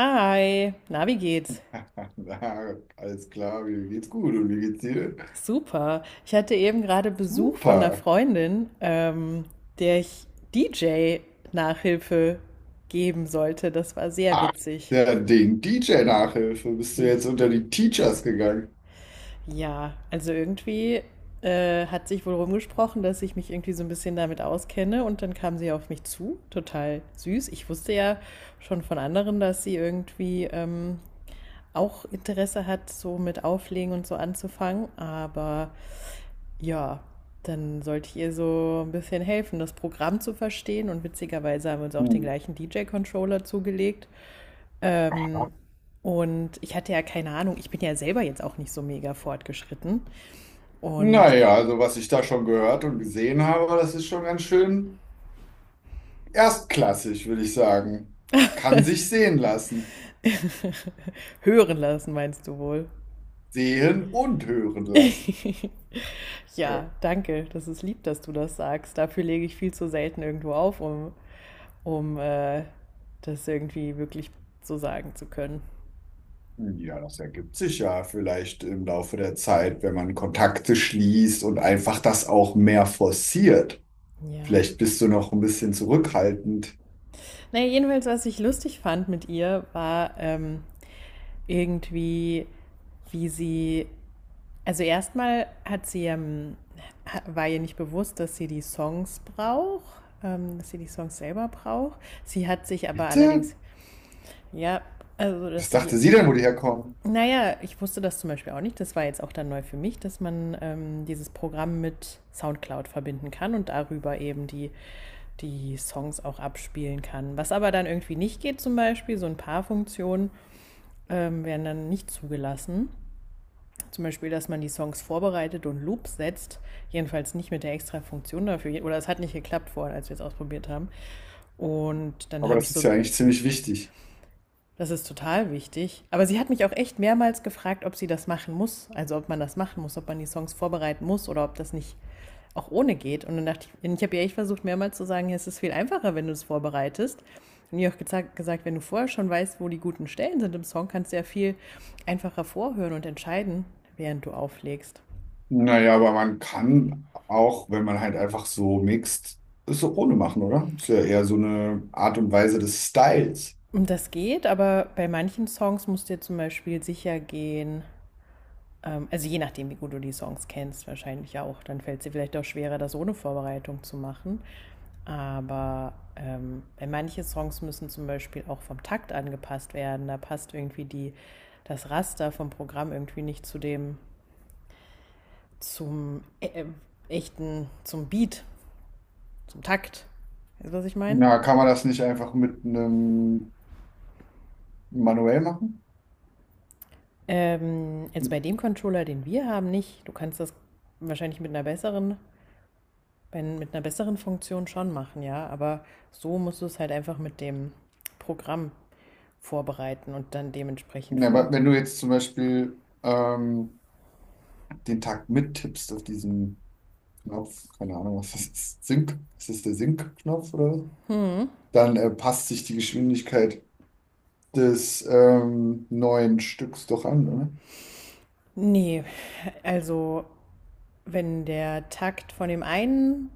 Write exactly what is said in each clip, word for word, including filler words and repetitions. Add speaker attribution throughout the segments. Speaker 1: Hi, na, wie geht's?
Speaker 2: Na, alles klar, mir geht's gut, und wie geht's dir?
Speaker 1: Super. Ich hatte eben gerade Besuch von einer
Speaker 2: Super.
Speaker 1: Freundin, ähm, der ich D J-Nachhilfe geben sollte. Das war sehr
Speaker 2: Ach,
Speaker 1: witzig.
Speaker 2: der Ding, D J-Nachhilfe, bist du
Speaker 1: Hey.
Speaker 2: jetzt unter die Teachers gegangen?
Speaker 1: Ja, also irgendwie äh, hat sich wohl rumgesprochen, dass ich mich irgendwie so ein bisschen damit auskenne und dann kam sie auf mich zu. Total süß. Ich wusste ja schon von anderen, dass sie irgendwie ähm, auch Interesse hat, so mit Auflegen und so anzufangen, aber. Ja, dann sollte ich ihr so ein bisschen helfen, das Programm zu verstehen. Und witzigerweise haben wir uns auch den
Speaker 2: Hm.
Speaker 1: gleichen D J-Controller zugelegt. Und ich hatte ja keine Ahnung, ich bin ja selber jetzt auch nicht so mega fortgeschritten. Und
Speaker 2: Naja, also was ich da schon gehört und gesehen habe, das ist schon ganz schön erstklassig, würde ich sagen. Kann sich sehen lassen,
Speaker 1: hören lassen, meinst du wohl?
Speaker 2: sehen und hören lassen. Äh,
Speaker 1: Ja, danke. Das ist lieb, dass du das sagst. Dafür lege ich viel zu selten irgendwo auf, um, um äh, das irgendwie wirklich so sagen zu können.
Speaker 2: ja, das ergibt sich ja vielleicht im Laufe der Zeit, wenn man Kontakte schließt und einfach das auch mehr forciert.
Speaker 1: Ja.
Speaker 2: Vielleicht bist du noch ein bisschen zurückhaltend.
Speaker 1: Naja, jedenfalls, was ich lustig fand mit ihr, war, ähm, irgendwie, wie sie, also erstmal hat sie, ähm, war ihr nicht bewusst, dass sie die Songs braucht, ähm, dass sie die Songs selber braucht. Sie hat sich aber
Speaker 2: Bitte?
Speaker 1: allerdings, ja, also
Speaker 2: Was
Speaker 1: dass sie die,
Speaker 2: dachte sie denn, wo die herkommen?
Speaker 1: naja, ich wusste das zum Beispiel auch nicht, das war jetzt auch dann neu für mich, dass man ähm, dieses Programm mit SoundCloud verbinden kann und darüber eben die die Songs auch abspielen kann. Was aber dann irgendwie nicht geht, zum Beispiel, so ein paar Funktionen ähm, werden dann nicht zugelassen. Zum Beispiel, dass man die Songs vorbereitet und Loops setzt. Jedenfalls nicht mit der extra Funktion dafür. Oder es hat nicht geklappt vorher, als wir es ausprobiert haben. Und dann
Speaker 2: Aber
Speaker 1: habe ich
Speaker 2: das ist
Speaker 1: so.
Speaker 2: ja eigentlich ziemlich wichtig.
Speaker 1: Das ist total wichtig. Aber sie hat mich auch echt mehrmals gefragt, ob sie das machen muss. Also ob man das machen muss, ob man die Songs vorbereiten muss oder ob das nicht auch ohne geht. Und dann dachte ich, ich habe ja echt versucht, mehrmals zu sagen, es ist viel einfacher, wenn du es vorbereitest. Und ihr auch gesagt, wenn du vorher schon weißt, wo die guten Stellen sind im Song, kannst du ja viel einfacher vorhören und entscheiden, während du auflegst.
Speaker 2: Naja, aber man kann auch, wenn man halt einfach so mixt, es so ohne machen, oder? Ist ja eher so eine Art und Weise des Styles.
Speaker 1: Und das geht, aber bei manchen Songs musst du dir zum Beispiel sicher gehen, ähm, also je nachdem, wie gut du die Songs kennst, wahrscheinlich auch, dann fällt es dir vielleicht auch schwerer, das ohne Vorbereitung zu machen. Aber ähm, bei manche Songs müssen zum Beispiel auch vom Takt angepasst werden. Da passt irgendwie die, das Raster vom Programm irgendwie nicht zu dem, zum äh, äh, echten, zum Beat, zum Takt. Weißt du, was ich meine?
Speaker 2: Na, kann man das nicht einfach mit einem manuell machen?
Speaker 1: Ähm, also
Speaker 2: Mit,
Speaker 1: bei dem Controller, den wir haben, nicht. Du kannst das wahrscheinlich mit einer besseren, bei- mit einer besseren Funktion schon machen, ja. Aber so musst du es halt einfach mit dem Programm vorbereiten und dann dementsprechend
Speaker 2: na, aber wenn
Speaker 1: vorhören.
Speaker 2: du jetzt zum Beispiel ähm, den Takt mittippst auf diesen Knopf, keine Ahnung, was das ist, Sync, ist das der Sync-Knopf oder was? Dann äh, passt sich die Geschwindigkeit des ähm, neuen Stücks doch an, oder?
Speaker 1: Nee, also wenn der Takt von dem einen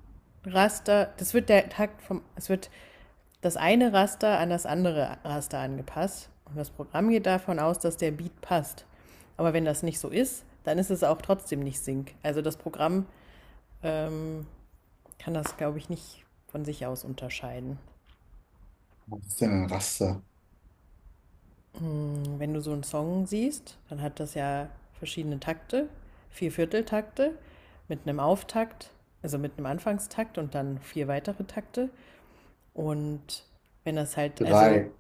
Speaker 1: Raster, das wird der Takt vom, es wird das eine Raster an das andere Raster angepasst. Und das Programm geht davon aus, dass der Beat passt. Aber wenn das nicht so ist, dann ist es auch trotzdem nicht Sync. Also das Programm ähm, kann das, glaube ich, nicht von sich aus unterscheiden.
Speaker 2: Was ist denn ein Raster?
Speaker 1: Wenn du so einen Song siehst, dann hat das ja verschiedene Takte, vier Vierteltakte mit einem Auftakt, also mit einem Anfangstakt und dann vier weitere Takte. Und wenn das halt, also
Speaker 2: Drei.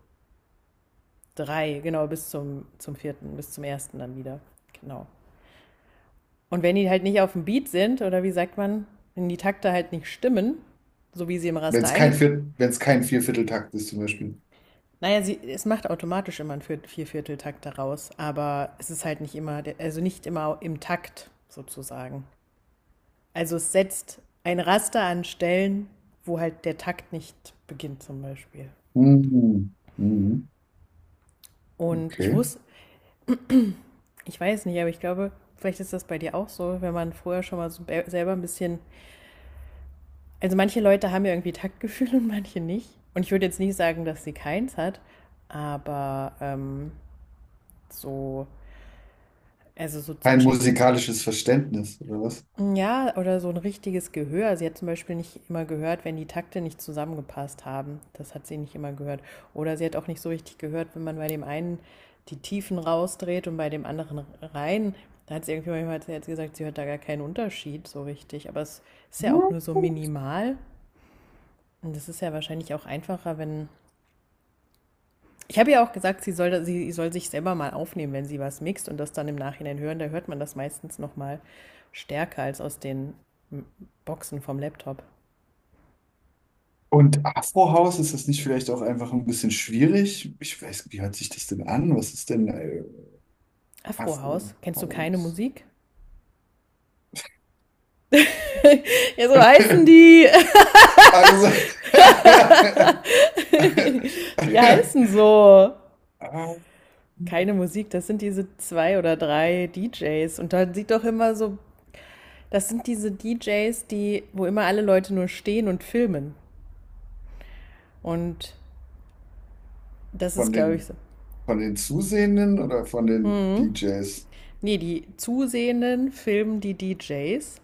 Speaker 1: drei, genau, bis zum, zum vierten, bis zum ersten dann wieder. Genau. Und wenn die halt nicht auf dem Beat sind, oder wie sagt man, wenn die Takte halt nicht stimmen, so wie sie im
Speaker 2: Wenn
Speaker 1: Raster
Speaker 2: es kein
Speaker 1: eingetragen sind,
Speaker 2: Viert, wenn es kein Viervierteltakt ist, zum Beispiel.
Speaker 1: naja, sie, es macht automatisch immer einen Vier- Viervierteltakt daraus, aber es ist halt nicht immer, also nicht immer im Takt sozusagen. Also es setzt ein Raster an Stellen, wo halt der Takt nicht beginnt zum Beispiel.
Speaker 2: Mhm. Mhm.
Speaker 1: Und ich
Speaker 2: Okay.
Speaker 1: wusste, ich weiß nicht, aber ich glaube, vielleicht ist das bei dir auch so, wenn man vorher schon mal so selber ein bisschen. Also manche Leute haben ja irgendwie Taktgefühl und manche nicht. Und ich würde jetzt nicht sagen, dass sie keins hat, aber ähm, so, also so zu
Speaker 2: Kein
Speaker 1: checken.
Speaker 2: musikalisches Verständnis, oder was?
Speaker 1: Ja, oder so ein richtiges Gehör. Sie hat zum Beispiel nicht immer gehört, wenn die Takte nicht zusammengepasst haben. Das hat sie nicht immer gehört. Oder sie hat auch nicht so richtig gehört, wenn man bei dem einen die Tiefen rausdreht und bei dem anderen rein. Da hat sie irgendwie manchmal, hat sie jetzt gesagt, sie hört da gar keinen Unterschied so richtig. Aber es ist ja auch nur so minimal. Und das ist ja wahrscheinlich auch einfacher, wenn. Ich habe ja auch gesagt, sie soll, sie soll sich selber mal aufnehmen, wenn sie was mixt und das dann im Nachhinein hören. Da hört man das meistens noch mal stärker als aus den Boxen vom Laptop.
Speaker 2: Und Afrohaus, ist das nicht vielleicht auch einfach ein bisschen schwierig? Ich weiß, wie hört sich das denn an? Was ist denn äh,
Speaker 1: Afrohaus, kennst du keine
Speaker 2: Afrohaus?
Speaker 1: Musik? Ja, so heißen die.
Speaker 2: Also,
Speaker 1: Die heißen so. Keine Musik, das sind diese zwei oder drei D Js. Und da sieht doch immer so, das sind diese D Js, die, wo immer alle Leute nur stehen und filmen. Und das ist,
Speaker 2: von
Speaker 1: glaube ich,
Speaker 2: den
Speaker 1: so.
Speaker 2: Von den Zusehenden oder von den D Js?
Speaker 1: Nee, die Zusehenden filmen die D Js.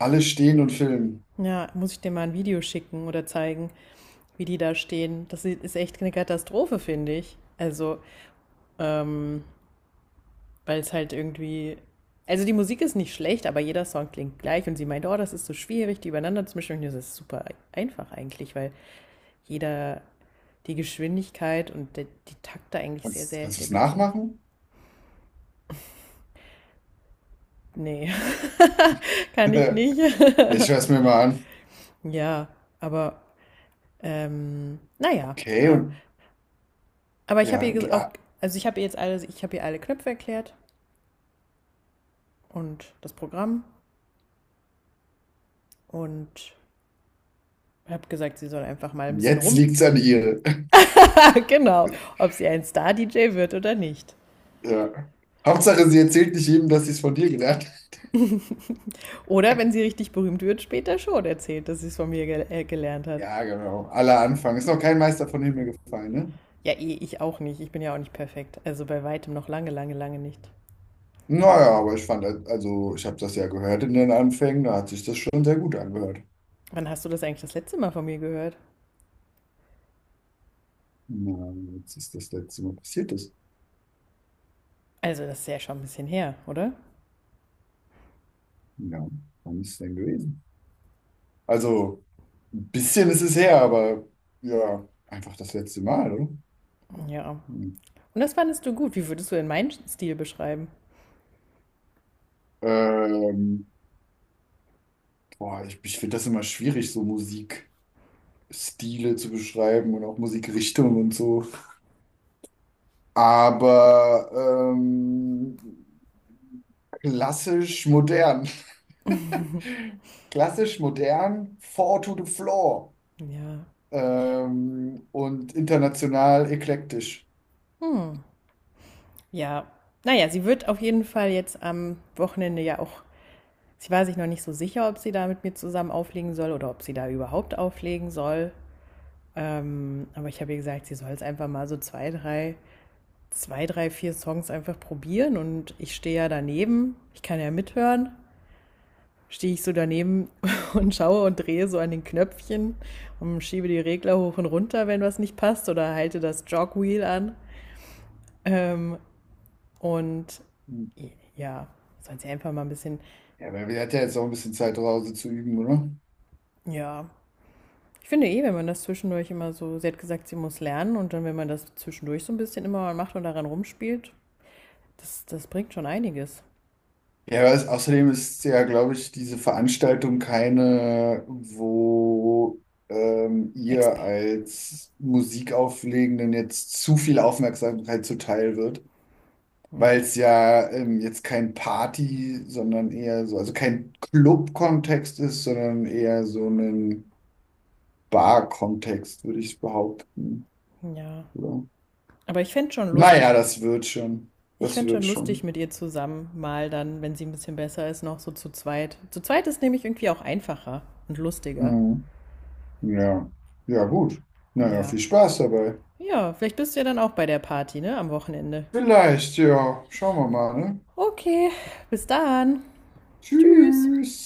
Speaker 2: Alle stehen und filmen.
Speaker 1: Ja, muss ich dir mal ein Video schicken oder zeigen, wie die da stehen. Das ist echt eine Katastrophe, finde ich. Also, ähm, weil es halt irgendwie. Also die Musik ist nicht schlecht, aber jeder Song klingt gleich und sie meint, oh, das ist so schwierig, die übereinander zu mischen. Und das ist super einfach eigentlich, weil jeder die Geschwindigkeit und der, die Takte eigentlich sehr,
Speaker 2: Kannst,
Speaker 1: sehr
Speaker 2: kannst du
Speaker 1: der
Speaker 2: es
Speaker 1: Beat sehen.
Speaker 2: nachmachen?
Speaker 1: Nee, kann ich nicht.
Speaker 2: Ich schaue es mir mal an.
Speaker 1: Ja, aber ähm, naja,
Speaker 2: Okay,
Speaker 1: äh,
Speaker 2: und
Speaker 1: aber ich habe
Speaker 2: ja, und
Speaker 1: ihr auch,
Speaker 2: ah,
Speaker 1: also ich habe ihr jetzt alle, ich habe ihr alle Knöpfe erklärt und das Programm und habe gesagt, sie soll einfach mal ein bisschen
Speaker 2: jetzt
Speaker 1: rum.
Speaker 2: liegt es an ihr.
Speaker 1: Genau, ob sie ein Star-D J wird oder nicht.
Speaker 2: Ja. Hauptsache, sie erzählt nicht jedem, dass sie es von dir gelernt hat.
Speaker 1: Oder wenn sie richtig berühmt wird, später schon erzählt, dass sie es von mir gel äh, gelernt hat.
Speaker 2: Ja, genau. Aller Anfang. Ist noch kein Meister von Himmel gefallen, ne?
Speaker 1: Ja, eh, ich auch nicht. Ich bin ja auch nicht perfekt. Also bei weitem noch lange, lange, lange nicht.
Speaker 2: Naja, aber ich fand, also ich habe das ja gehört in den Anfängen, da hat sich das schon sehr gut angehört.
Speaker 1: Wann hast du das eigentlich das letzte Mal von mir gehört?
Speaker 2: Na, jetzt ist das letzte Mal passiert ist.
Speaker 1: Also das ist ja schon ein bisschen her, oder?
Speaker 2: Ja, wann ist es denn gewesen? Also. Ein bisschen ist es her, aber ja, einfach das letzte Mal, oder?
Speaker 1: Ja.
Speaker 2: Hm.
Speaker 1: Und das fandest du gut. Wie würdest du denn meinen Stil beschreiben?
Speaker 2: Ähm, boah, ich, ich finde das immer schwierig, so Musikstile zu beschreiben und auch Musikrichtungen und so. Aber ähm, klassisch modern. Klassisch modern, four to the floor.
Speaker 1: Ja,
Speaker 2: Ähm, und international eklektisch.
Speaker 1: ja, naja, sie wird auf jeden Fall jetzt am Wochenende ja auch, sie war sich noch nicht so sicher, ob sie da mit mir zusammen auflegen soll oder ob sie da überhaupt auflegen soll. Ähm, aber ich habe ihr gesagt, sie soll es einfach mal so zwei, drei, zwei, drei, vier Songs einfach probieren und ich stehe ja daneben, ich kann ja mithören. Stehe ich so daneben und schaue und drehe so an den Knöpfchen und schiebe die Regler hoch und runter, wenn was nicht passt, oder halte das Jogwheel an. Ähm, Und
Speaker 2: Hm.
Speaker 1: ja, soll sie einfach mal ein bisschen,
Speaker 2: Ja, aber wir hatten ja jetzt auch ein bisschen Zeit, zu Hause zu üben, oder?
Speaker 1: ja. Ich finde eh, wenn man das zwischendurch immer so, sie hat gesagt, sie muss lernen und dann, wenn man das zwischendurch so ein bisschen immer mal macht und daran rumspielt, das, das bringt schon einiges.
Speaker 2: Ja, es, außerdem ist ja, glaube ich, diese Veranstaltung keine, wo ähm, ihr
Speaker 1: Exper.
Speaker 2: als Musikauflegenden jetzt zu viel Aufmerksamkeit zuteil wird, weil
Speaker 1: Nee.
Speaker 2: es ja ähm, jetzt kein Party, sondern eher so, also kein Club-Kontext ist, sondern eher so ein Bar-Kontext, würde ich behaupten.
Speaker 1: Ja.
Speaker 2: Oder?
Speaker 1: Aber ich fände es schon
Speaker 2: Naja,
Speaker 1: lustig.
Speaker 2: das wird schon.
Speaker 1: Ich
Speaker 2: Das
Speaker 1: fände es schon
Speaker 2: wird
Speaker 1: lustig
Speaker 2: schon.
Speaker 1: mit ihr zusammen, mal dann, wenn sie ein bisschen besser ist, noch so zu zweit. Zu zweit ist nämlich irgendwie auch einfacher und lustiger.
Speaker 2: Mhm. Ja. Ja, gut. Naja,
Speaker 1: Ja.
Speaker 2: viel Spaß dabei.
Speaker 1: Ja, vielleicht bist du ja dann auch bei der Party, ne? Am Wochenende.
Speaker 2: Vielleicht, ja. Schauen wir mal, ne?
Speaker 1: Okay, bis dann. Tschüss.
Speaker 2: Tschüss.